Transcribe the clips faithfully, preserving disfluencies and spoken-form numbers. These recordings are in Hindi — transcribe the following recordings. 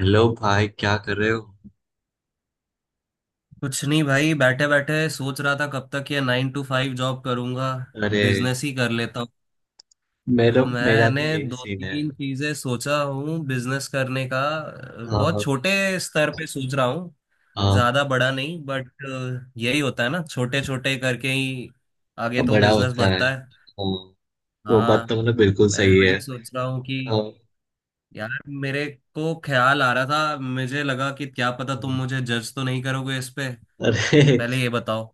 हेलो भाई, क्या कर रहे हो? कुछ नहीं भाई। बैठे बैठे सोच रहा था कब तक ये नाइन टू फाइव जॉब करूंगा। अरे, बिजनेस ही कर लेता हूँ। मेरा तो मेरा मैंने भी यही दो सीन है। तीन चीजें सोचा हूँ बिजनेस करने का। अ, हाँ, बहुत हाँ, छोटे स्तर पे सोच रहा हूँ, हाँ। ज्यादा बड़ा नहीं बट यही होता है ना, छोटे छोटे करके ही आगे अब तो बड़ा बिजनेस होता है, बढ़ता है। हाँ। वो हाँ, बात तो मतलब बिल्कुल मैं भी सही है। वही सोच रहा हूँ कि हाँ। यार मेरे को ख्याल आ रहा था, मुझे लगा कि क्या पता तुम हम्म। मुझे जज तो नहीं करोगे इस पे। अरे पहले ये बताओ।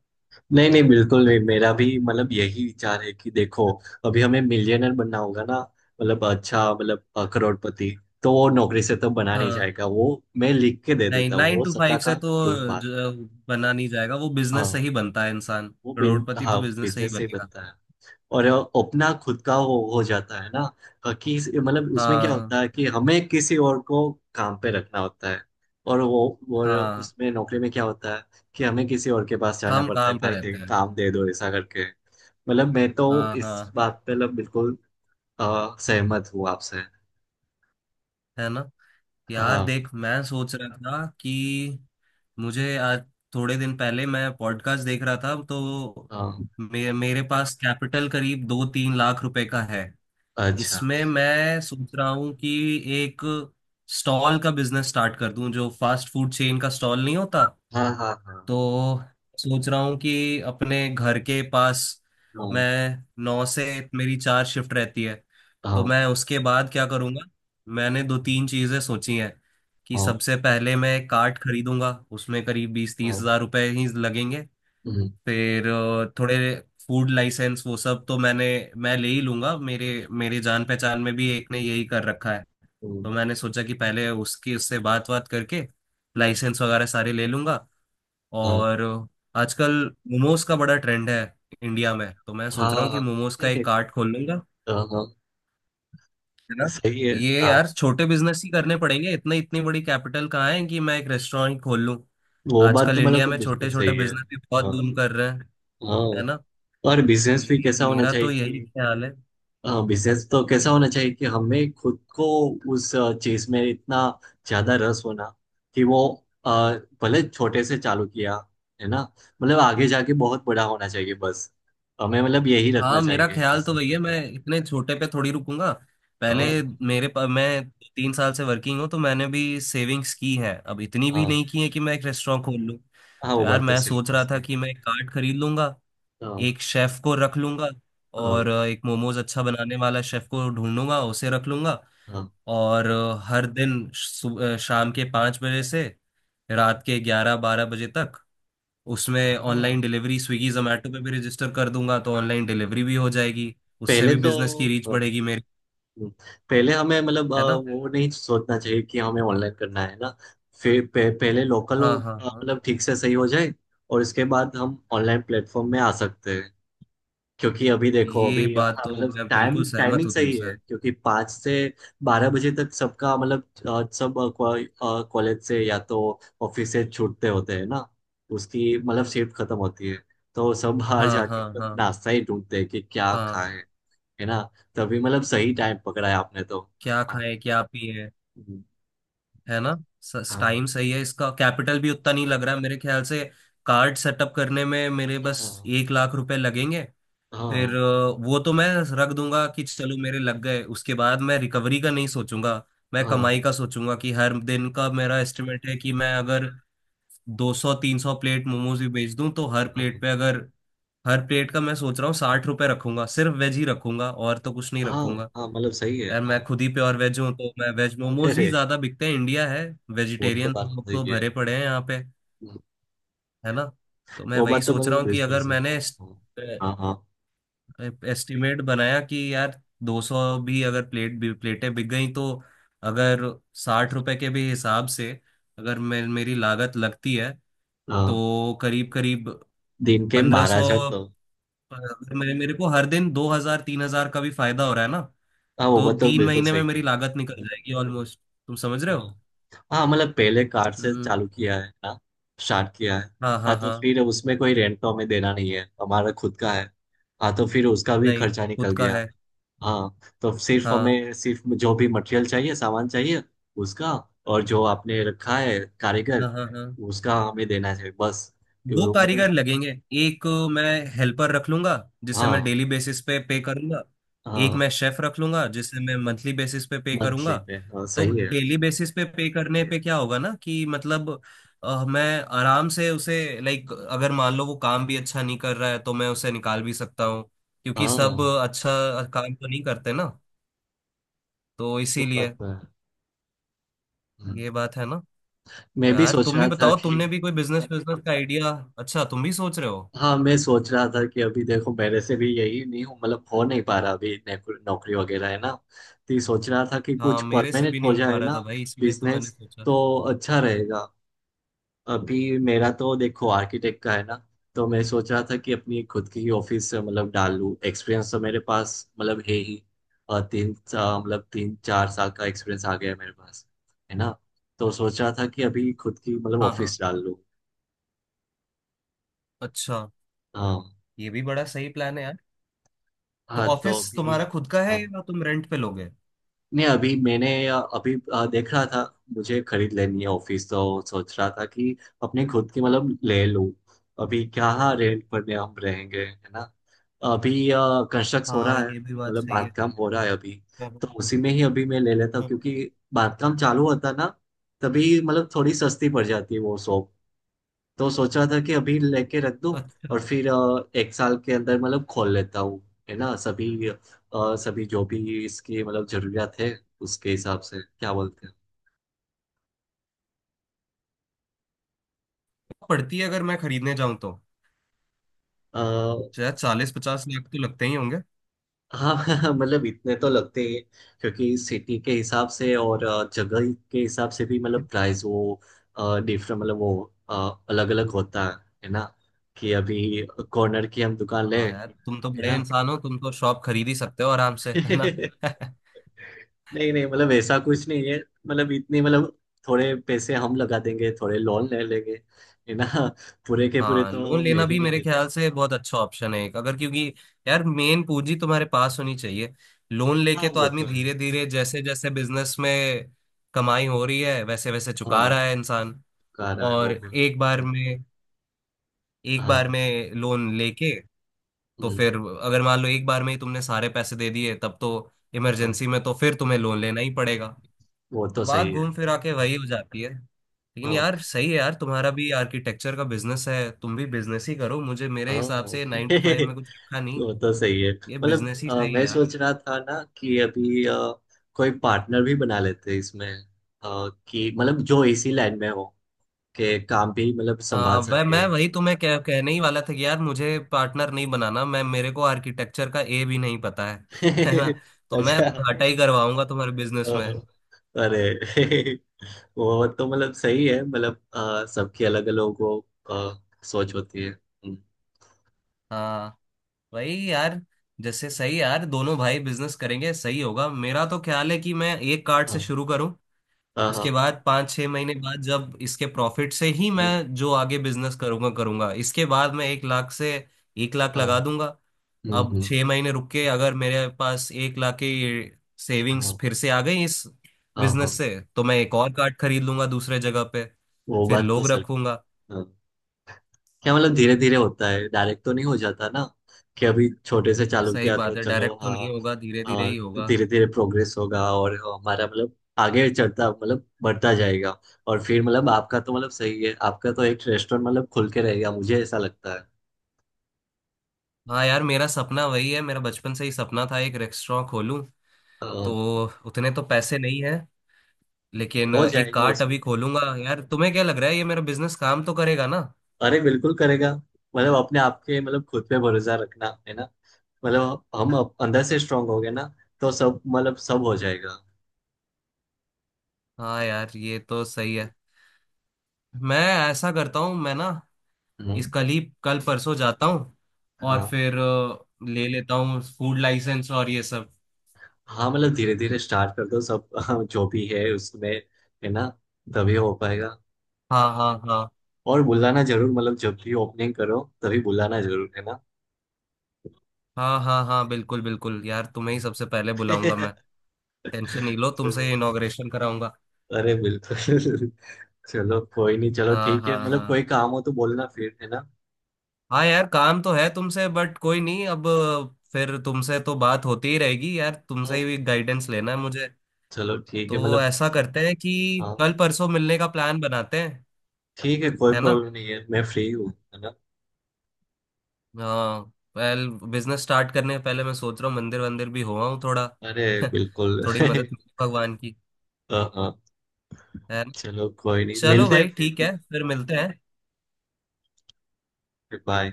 नहीं नहीं, बिल्कुल नहीं, मेरा भी मतलब यही विचार है कि देखो, अभी हमें मिलियनर बनना होगा ना। मतलब अच्छा मतलब अ, करोड़पति। तो वो नौकरी से तो बना नहीं हाँ, जाएगा वो। मैं लिख के दे नहीं देता हूँ नाइन वो टू सट्टा फाइव से का, तो ट्रू बात है। ज- बना नहीं जाएगा, वो बिजनेस से हाँ, ही बनता है इंसान। वो बिन करोड़पति तो हाँ बिजनेस से ही बिजनेस से ही बनेगा। बनता है। और अपना खुद का हो, हो जाता है ना। अ, कि इस- मतलब उसमें क्या हाँ, होता है कि हमें किसी और को काम पे रखना होता है। और वो, और हाँ, उसमें नौकरी में क्या होता है कि हमें किसी और के पास जाना हम पड़ता है, काम पे भाई दे, रहते हैं। काम दे दो ऐसा करके। मतलब मैं तो हाँ हाँ इस हाँ, बात पे मतलब बिल्कुल अ, सहमत हूँ आपसे। है ना। यार हाँ, देख, मैं सोच रहा था कि मुझे आज, थोड़े दिन पहले मैं पॉडकास्ट देख रहा था, तो हाँ। मे, मेरे पास कैपिटल करीब दो तीन लाख रुपए का है। अच्छा। इसमें मैं सोच रहा हूँ कि एक स्टॉल का बिजनेस स्टार्ट कर दूं जो फास्ट फूड चेन का स्टॉल नहीं होता। हाँ, हाँ, हाँ। तो सोच रहा हूँ कि अपने घर के पास, हाँ, मैं नौ से, मेरी चार शिफ्ट रहती है तो हाँ, मैं उसके बाद क्या करूँगा। मैंने दो तीन चीज़ें सोची हैं कि हाँ। सबसे पहले मैं कार्ट खरीदूंगा उसमें करीब बीस तीस हाँ। हज़ार रुपये ही लगेंगे। हम्म। फिर अ, थोड़े फूड लाइसेंस वो सब तो मैंने, मैं ले ही लूंगा। मेरे मेरे जान पहचान में भी एक ने यही कर रखा है। हम्म। तो मैंने सोचा कि पहले उसकी उससे बात बात करके लाइसेंस वगैरह सारे ले लूंगा, हाँ, और आजकल मोमोज का बड़ा ट्रेंड है इंडिया में, तो मैं सोच रहा हूँ कि हाँ, मोमोज का एक कार्ट खोल लूंगा, हाँ, हाँ। है ना। सही है। ये हाँ, यार छोटे बिजनेस ही करने पड़ेंगे, इतने इतनी बड़ी कैपिटल कहाँ है कि मैं एक रेस्टोरेंट खोल लूँ। वो बात आजकल तो मतलब इंडिया कोई में बिल्कुल छोटे छोटे सही है। बिजनेस भी बहुत हाँ, बूम कर रहे हैं, हाँ। है ना। और बिजनेस भी कैसा मेरी- होना मेरा चाहिए तो यही कि, ख्याल है। हाँ बिजनेस तो कैसा होना चाहिए कि हमें खुद को उस चीज में इतना ज्यादा रस होना कि वो अ, भले छोटे से चालू किया, है ना। मतलब आगे जाके बहुत बड़ा होना चाहिए, बस हमें मतलब यही रखना हाँ, मेरा चाहिए ख्याल तो बिजनेस वही में है, तो। मैं इतने छोटे पे थोड़ी रुकूंगा। पहले हाँ, मेरे पा, मैं तीन साल से वर्किंग हूँ तो मैंने भी सेविंग्स की है। अब इतनी भी हाँ, नहीं की है कि मैं एक रेस्टोरेंट खोल लूँ। हाँ। तो वो यार बात तो मैं सही सोच है, रहा था सही कि है। मैं एक कार्ट खरीद लूंगा, हाँ, एक शेफ को रख लूंगा, हाँ, और अ, एक मोमोज अच्छा बनाने वाला शेफ को ढूंढ लूंगा, उसे रख लूंगा। हाँ, और अ, हर दिन सु- अ, शाम के पाँच बजे से रात के ग्यारह बारह बजे तक, उसमें ऑनलाइन हाँ, डिलीवरी, स्विगी जोमेटो पे भी रजिस्टर कर दूंगा तो ऑनलाइन हाँ। डिलीवरी भी हो जाएगी। उससे पहले भी तो, बिजनेस की रीच बढ़ेगी हम्म, मेरी, पहले हमें मतलब अ, है ना। वो नहीं सोचना चाहिए कि हमें ऑनलाइन करना है ना। फिर पे, पहले लोकल हाँ हाँ हाँ, मतलब ठीक से सही हो जाए, और इसके बाद हम ऑनलाइन प्लेटफॉर्म में आ सकते हैं। क्योंकि अभी देखो ये अभी अ, बात हाँ, तो मतलब मैं टाइम बिल्कुल सहमत टाइमिंग हूँ सही तुमसे। है, क्योंकि पाँच से बारह बजे तक सबका मतलब अ, सब कॉलेज से या तो ऑफिस से छूटते होते हैं ना, उसकी मतलब शिफ्ट खत्म होती है, तो सब बाहर हाँ हाँ जाके हाँ नाश्ता ही ढूंढते हैं कि क्या हाँ, खाएं। है ना। तभी मतलब सही टाइम पकड़ा है आपने तो। क्या हाँ, खाएं क्या पिए, है ना। टाइम हाँ, सही है, इसका कैपिटल भी उतना नहीं लग रहा है मेरे ख्याल से। कार्ड सेटअप करने में मेरे बस हाँ, एक लाख रुपए लगेंगे। हाँ, फिर अ, वो तो मैं रख दूंगा कि चलो मेरे लग गए, उसके बाद मैं रिकवरी का नहीं सोचूंगा, मैं कमाई हाँ, का सोचूंगा। कि हर दिन का मेरा एस्टिमेट है कि मैं अगर दो सौ तीन सौ प्लेट मोमोज भी बेच दूं तो हर प्लेट हाँ, पे अगर, हर प्लेट का मैं सोच रहा हूँ साठ रुपए रखूंगा, सिर्फ वेज ही रखूंगा, और तो कुछ नहीं हाँ। रखूंगा। हाँ, मतलब सही है यार मैं हाँ। खुद ही प्योर वेज हूँ तो मैं वेज, मोमोज ही अरे, ज्यादा बिकते हैं, इंडिया है, वो तो वेजिटेरियन बात लोग तो सही है। भरे पड़े हम्म। हैं यहाँ पे, है ना। तो मैं वो वही बात तो सोच मेरे रहा को हूँ कि बिल्कुल अगर सही है। मैंने हाँ, हाँ, हाँ। एस्टिमेट बनाया कि यार दो सौ भी अगर प्लेट भी प्लेटें बिक गई तो, अगर साठ रुपए के भी हिसाब से, अगर मैं, मेरी लागत लगती है, हाँ, तो करीब करीब दिन के पंद्रह बारह सौ हजार तो। अगर मेरे मेरे को हर दिन दो हजार तीन हजार का भी फायदा हो रहा है ना, हाँ वो तो बात तो तीन बिल्कुल महीने में सही मेरी है। लागत निकल जाएगी ऑलमोस्ट। तुम समझ रहे हो। हाँ, हाँ मतलब पहले कार्ड से हम्म, चालू किया है ना, स्टार्ट किया है। हाँ हाँ हाँ तो हाँ। फिर उसमें कोई रेंट तो हमें देना नहीं है, हमारा खुद का है। हाँ तो फिर उसका भी नहीं खर्चा निकल खुद का गया। है। हाँ, तो सिर्फ हाँ हमें सिर्फ जो भी मटेरियल चाहिए, सामान चाहिए उसका, और जो आपने रखा है कारीगर हाँ हाँ हाँ। उसका हमें देना चाहिए, बस। दो यो- मतलब। कारीगर लगेंगे, एक मैं हेल्पर रख लूंगा जिसे मैं हाँ, डेली बेसिस पे पे करूंगा, एक हाँ। मैं शेफ रख लूंगा जिसे मैं मंथली बेसिस पे पे मंथली करूंगा। पे, हाँ तो सही है। डेली बेसिस पे पे करने पे क्या होगा ना कि मतलब अ, मैं आराम से उसे, लाइक अगर मान लो वो काम भी अच्छा नहीं कर रहा है तो मैं उसे निकाल भी सकता हूँ, क्योंकि सब हाँ अच्छा काम तो नहीं करते ना, तो वो इसीलिए बात तो है। हम्म। ये बात है, ना। मैं भी यार सोच तुम भी रहा था बताओ, कि, तुमने भी कोई बिजनेस, बिजनेस का आइडिया, अच्छा तुम भी सोच रहे हो। हाँ मैं सोच रहा था कि अभी देखो मेरे से भी यही नहीं हूँ मतलब हो नहीं पा रहा, अभी नौकरी नौकरी वगैरह है ना। तो ये सोच रहा था कि हाँ, कुछ मेरे से भी परमानेंट हो नहीं हो पा जाए रहा ना, था भाई, इसलिए तो मैंने बिजनेस सोचा। तो अच्छा रहेगा। अभी मेरा तो देखो आर्किटेक्ट का है ना, तो मैं सोच रहा था कि अपनी खुद की ही ऑफिस मतलब डाल लूँ, एक्सपीरियंस तो मेरे पास मतलब है ही। अ, तीन सा- मतलब तीन चार साल का एक्सपीरियंस आ गया है मेरे पास, है ना। तो सोच रहा था कि अभी खुद की मतलब हाँ ऑफिस हाँ, डाल लूँ। अच्छा, हाँ, ये भी बड़ा सही प्लान है यार। तो हाँ तो ऑफिस अभी, तुम्हारा खुद का है हाँ। या तुम रेंट पे लोगे। नहीं, अभी मैंने अ, अभी अ, देख रहा था, मुझे खरीद लेनी है ऑफिस, तो सोच रहा था कि अपने खुद की मतलब ले लूं। अभी क्या, रेंट पर में हम रहेंगे है ना अभी। कंस्ट्रक्ट हो रहा हाँ है ये भी बात मतलब सही है। बांधकाम हो रहा है अभी, हाँ, तो उसी में ही अभी मैं ले लेता हूँ, हाँ। क्योंकि बांधकाम चालू होता ना, तभी मतलब थोड़ी सस्ती पड़ जाती है वो शॉप। तो सोच रहा था कि अभी लेके रख दूं, और अच्छा, फिर अ, एक साल के अंदर मतलब खोल लेता हूँ, है ना सभी। और सभी जो भी इसकी मतलब जरूरियात है उसके हिसाब से, क्या बोलते हैं। तो पड़ती है अगर मैं खरीदने जाऊं तो, अ, शायद चालीस पचास लाख तो लगते ही होंगे। हाँ मतलब इतने तो लगते ही हैं, क्योंकि सिटी के हिसाब से और अ, जगह के हिसाब से भी मतलब प्राइस वो डिफरेंट मतलब वो अलग अलग होता है है ना। कि अभी कॉर्नर की हम दुकान ले, हाँ है यार तुम तो बड़े ना। इंसान हो, तुम तो शॉप खरीद ही सकते हो आराम से, है ना। नहीं नहीं, मतलब ऐसा कुछ नहीं है, मतलब इतनी मतलब थोड़े पैसे हम लगा देंगे, थोड़े लोन ले लेंगे, है ना। पूरे के पूरे हाँ, लोन तो मैं लेना भी भी नहीं मेरे देता। ख्याल से बहुत अच्छा ऑप्शन है एक, अगर क्योंकि यार मेन पूंजी तुम्हारे पास होनी चाहिए। लोन हाँ लेके तो वो आदमी तो है। धीरे धीरे, जैसे जैसे बिजनेस में कमाई हो रही है वैसे वैसे हाँ चुका रहा है इंसान। गा रहा है और वो मैं। एक बार में, एक बार हाँ, में लोन लेके, तो हम्म। फिर अगर मान लो एक बार में ही तुमने सारे पैसे दे दिए तब तो हाँ इमरजेंसी में तो फिर तुम्हें लोन लेना ही पड़ेगा। वो तो तो बात सही है। घूम फिरा के वही हो जाती है। लेकिन यार हाँ, सही है, यार तुम्हारा भी आर्किटेक्चर का बिजनेस है, तुम भी बिजनेस ही करो, मुझे मेरे हिसाब हाँ से नाइन टू फाइव में कुछ रखा नहीं, वो तो सही है ये मतलब बिजनेस ही अ, सही है मैं यार। सोच रहा था ना कि अभी अ, कोई पार्टनर भी बना लेते इसमें। अ, कि मतलब जो इसी लाइन में हो के काम भी मतलब आ, संभाल वह, सके। मैं वही तुम्हें कह, कहने ही वाला था कि यार मुझे पार्टनर नहीं बनाना। मैं, मेरे को आर्किटेक्चर का ए भी नहीं पता है। है ना, तो मैं अच्छा। घाटा ही करवाऊंगा तुम्हारे अ, बिजनेस में। अरे वो तो मतलब सही है, मतलब अ, सबकी अलग अलग वो अ, सोच होती है। हम्म। हाँ वही यार, जैसे सही है यार, दोनों भाई बिजनेस करेंगे सही होगा। मेरा तो ख्याल है कि मैं एक कार्ड से हाँ, शुरू करूं, हाँ, हाँ। उसके बाद पाँच छः महीने बाद जब इसके प्रॉफिट से ही हम्म। मैं जो आगे बिजनेस करूंगा करूंगा, इसके बाद मैं एक लाख से, एक लाख हाँ। लगा दूंगा। हम्म, अब हम्म। छः महीने रुक के अगर मेरे पास एक लाख की सेविंग्स हाँ, फिर से आ गई इस हाँ, हाँ। बिजनेस से, तो मैं एक और कार्ड खरीद लूंगा दूसरे जगह पे, वो फिर बात तो लोग सर। रखूंगा। हाँ। क्या मतलब धीरे धीरे होता है, डायरेक्ट तो नहीं हो जाता ना। कि अभी छोटे से चालू सही किया तो बात है, चलो, डायरेक्ट तो हाँ। नहीं होगा, धीरे धीरे हाँ, ही तो होगा। धीरे धीरे प्रोग्रेस होगा, और हमारा मतलब आगे चढ़ता मतलब बढ़ता जाएगा। और फिर मतलब आपका तो मतलब सही है, आपका तो एक रेस्टोरेंट मतलब खुल के रहेगा, मुझे ऐसा लगता है। हाँ यार, मेरा सपना वही है, मेरा बचपन से ही सपना था एक रेस्टोरेंट खोलूं। हाँ। तो उतने तो पैसे नहीं है, लेकिन हो एक जाएगा कार्ट उसमें। अभी खोलूंगा। यार तुम्हें क्या लग रहा है, ये मेरा बिजनेस काम तो करेगा ना। अरे, बिल्कुल करेगा। मतलब अपने आप के मतलब खुद पे भरोसा रखना है ना, मतलब हम अप- अंदर से स्ट्रांग हो गए ना, तो सब मतलब सब हो जाएगा। हाँ यार ये तो सही है। मैं ऐसा करता हूँ मैं ना, इस हम्म। कल ही कल परसों जाता हूँ और हाँ, फिर अ, ले लेता हूँ फूड लाइसेंस और ये सब। हाँ मतलब धीरे धीरे स्टार्ट कर दो सब, हाँ, जो भी है उसमें, है ना, तभी हो पाएगा। हाँ हाँ हाँ और बुलाना जरूर, मतलब जब भी ओपनिंग करो तभी बुलाना जरूर, है ना। हाँ हाँ हाँ, बिल्कुल बिल्कुल यार, तुम्हें ही सबसे पहले बुलाऊंगा मैं। टेंशन नहीं लो, चलो। तुमसे इनॉग्रेशन कराऊंगा। अरे बिल्कुल। चलो, कोई नहीं, चलो हाँ ठीक है हाँ मतलब, कोई हाँ काम हो तो बोलना फिर, है ना। हाँ यार, काम तो है तुमसे, बट कोई नहीं, अब फिर तुमसे तो बात होती ही रहेगी यार, तुमसे हाँ, ही गाइडेंस लेना है मुझे। चलो ठीक है तो मतलब। ऐसा करते हैं कि हाँ कल परसों मिलने का प्लान बनाते हैं, ठीक है, कोई है ना। प्रॉब्लम नहीं है, मैं फ्री हूँ, है ना। हाँ, वेल बिजनेस स्टार्ट करने से पहले मैं सोच रहा हूँ मंदिर वंदिर भी हो आऊँ थोड़ा, अरे, बिल्कुल थोड़ी मदद मिले भगवान की, हाँ, हाँ। है ना। चलो कोई नहीं, चलो मिलते हैं भाई फिर ठीक तो। है, फिर हाँ, मिलते हैं। फिर बाय।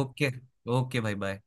ओके, ओके भाई बाय।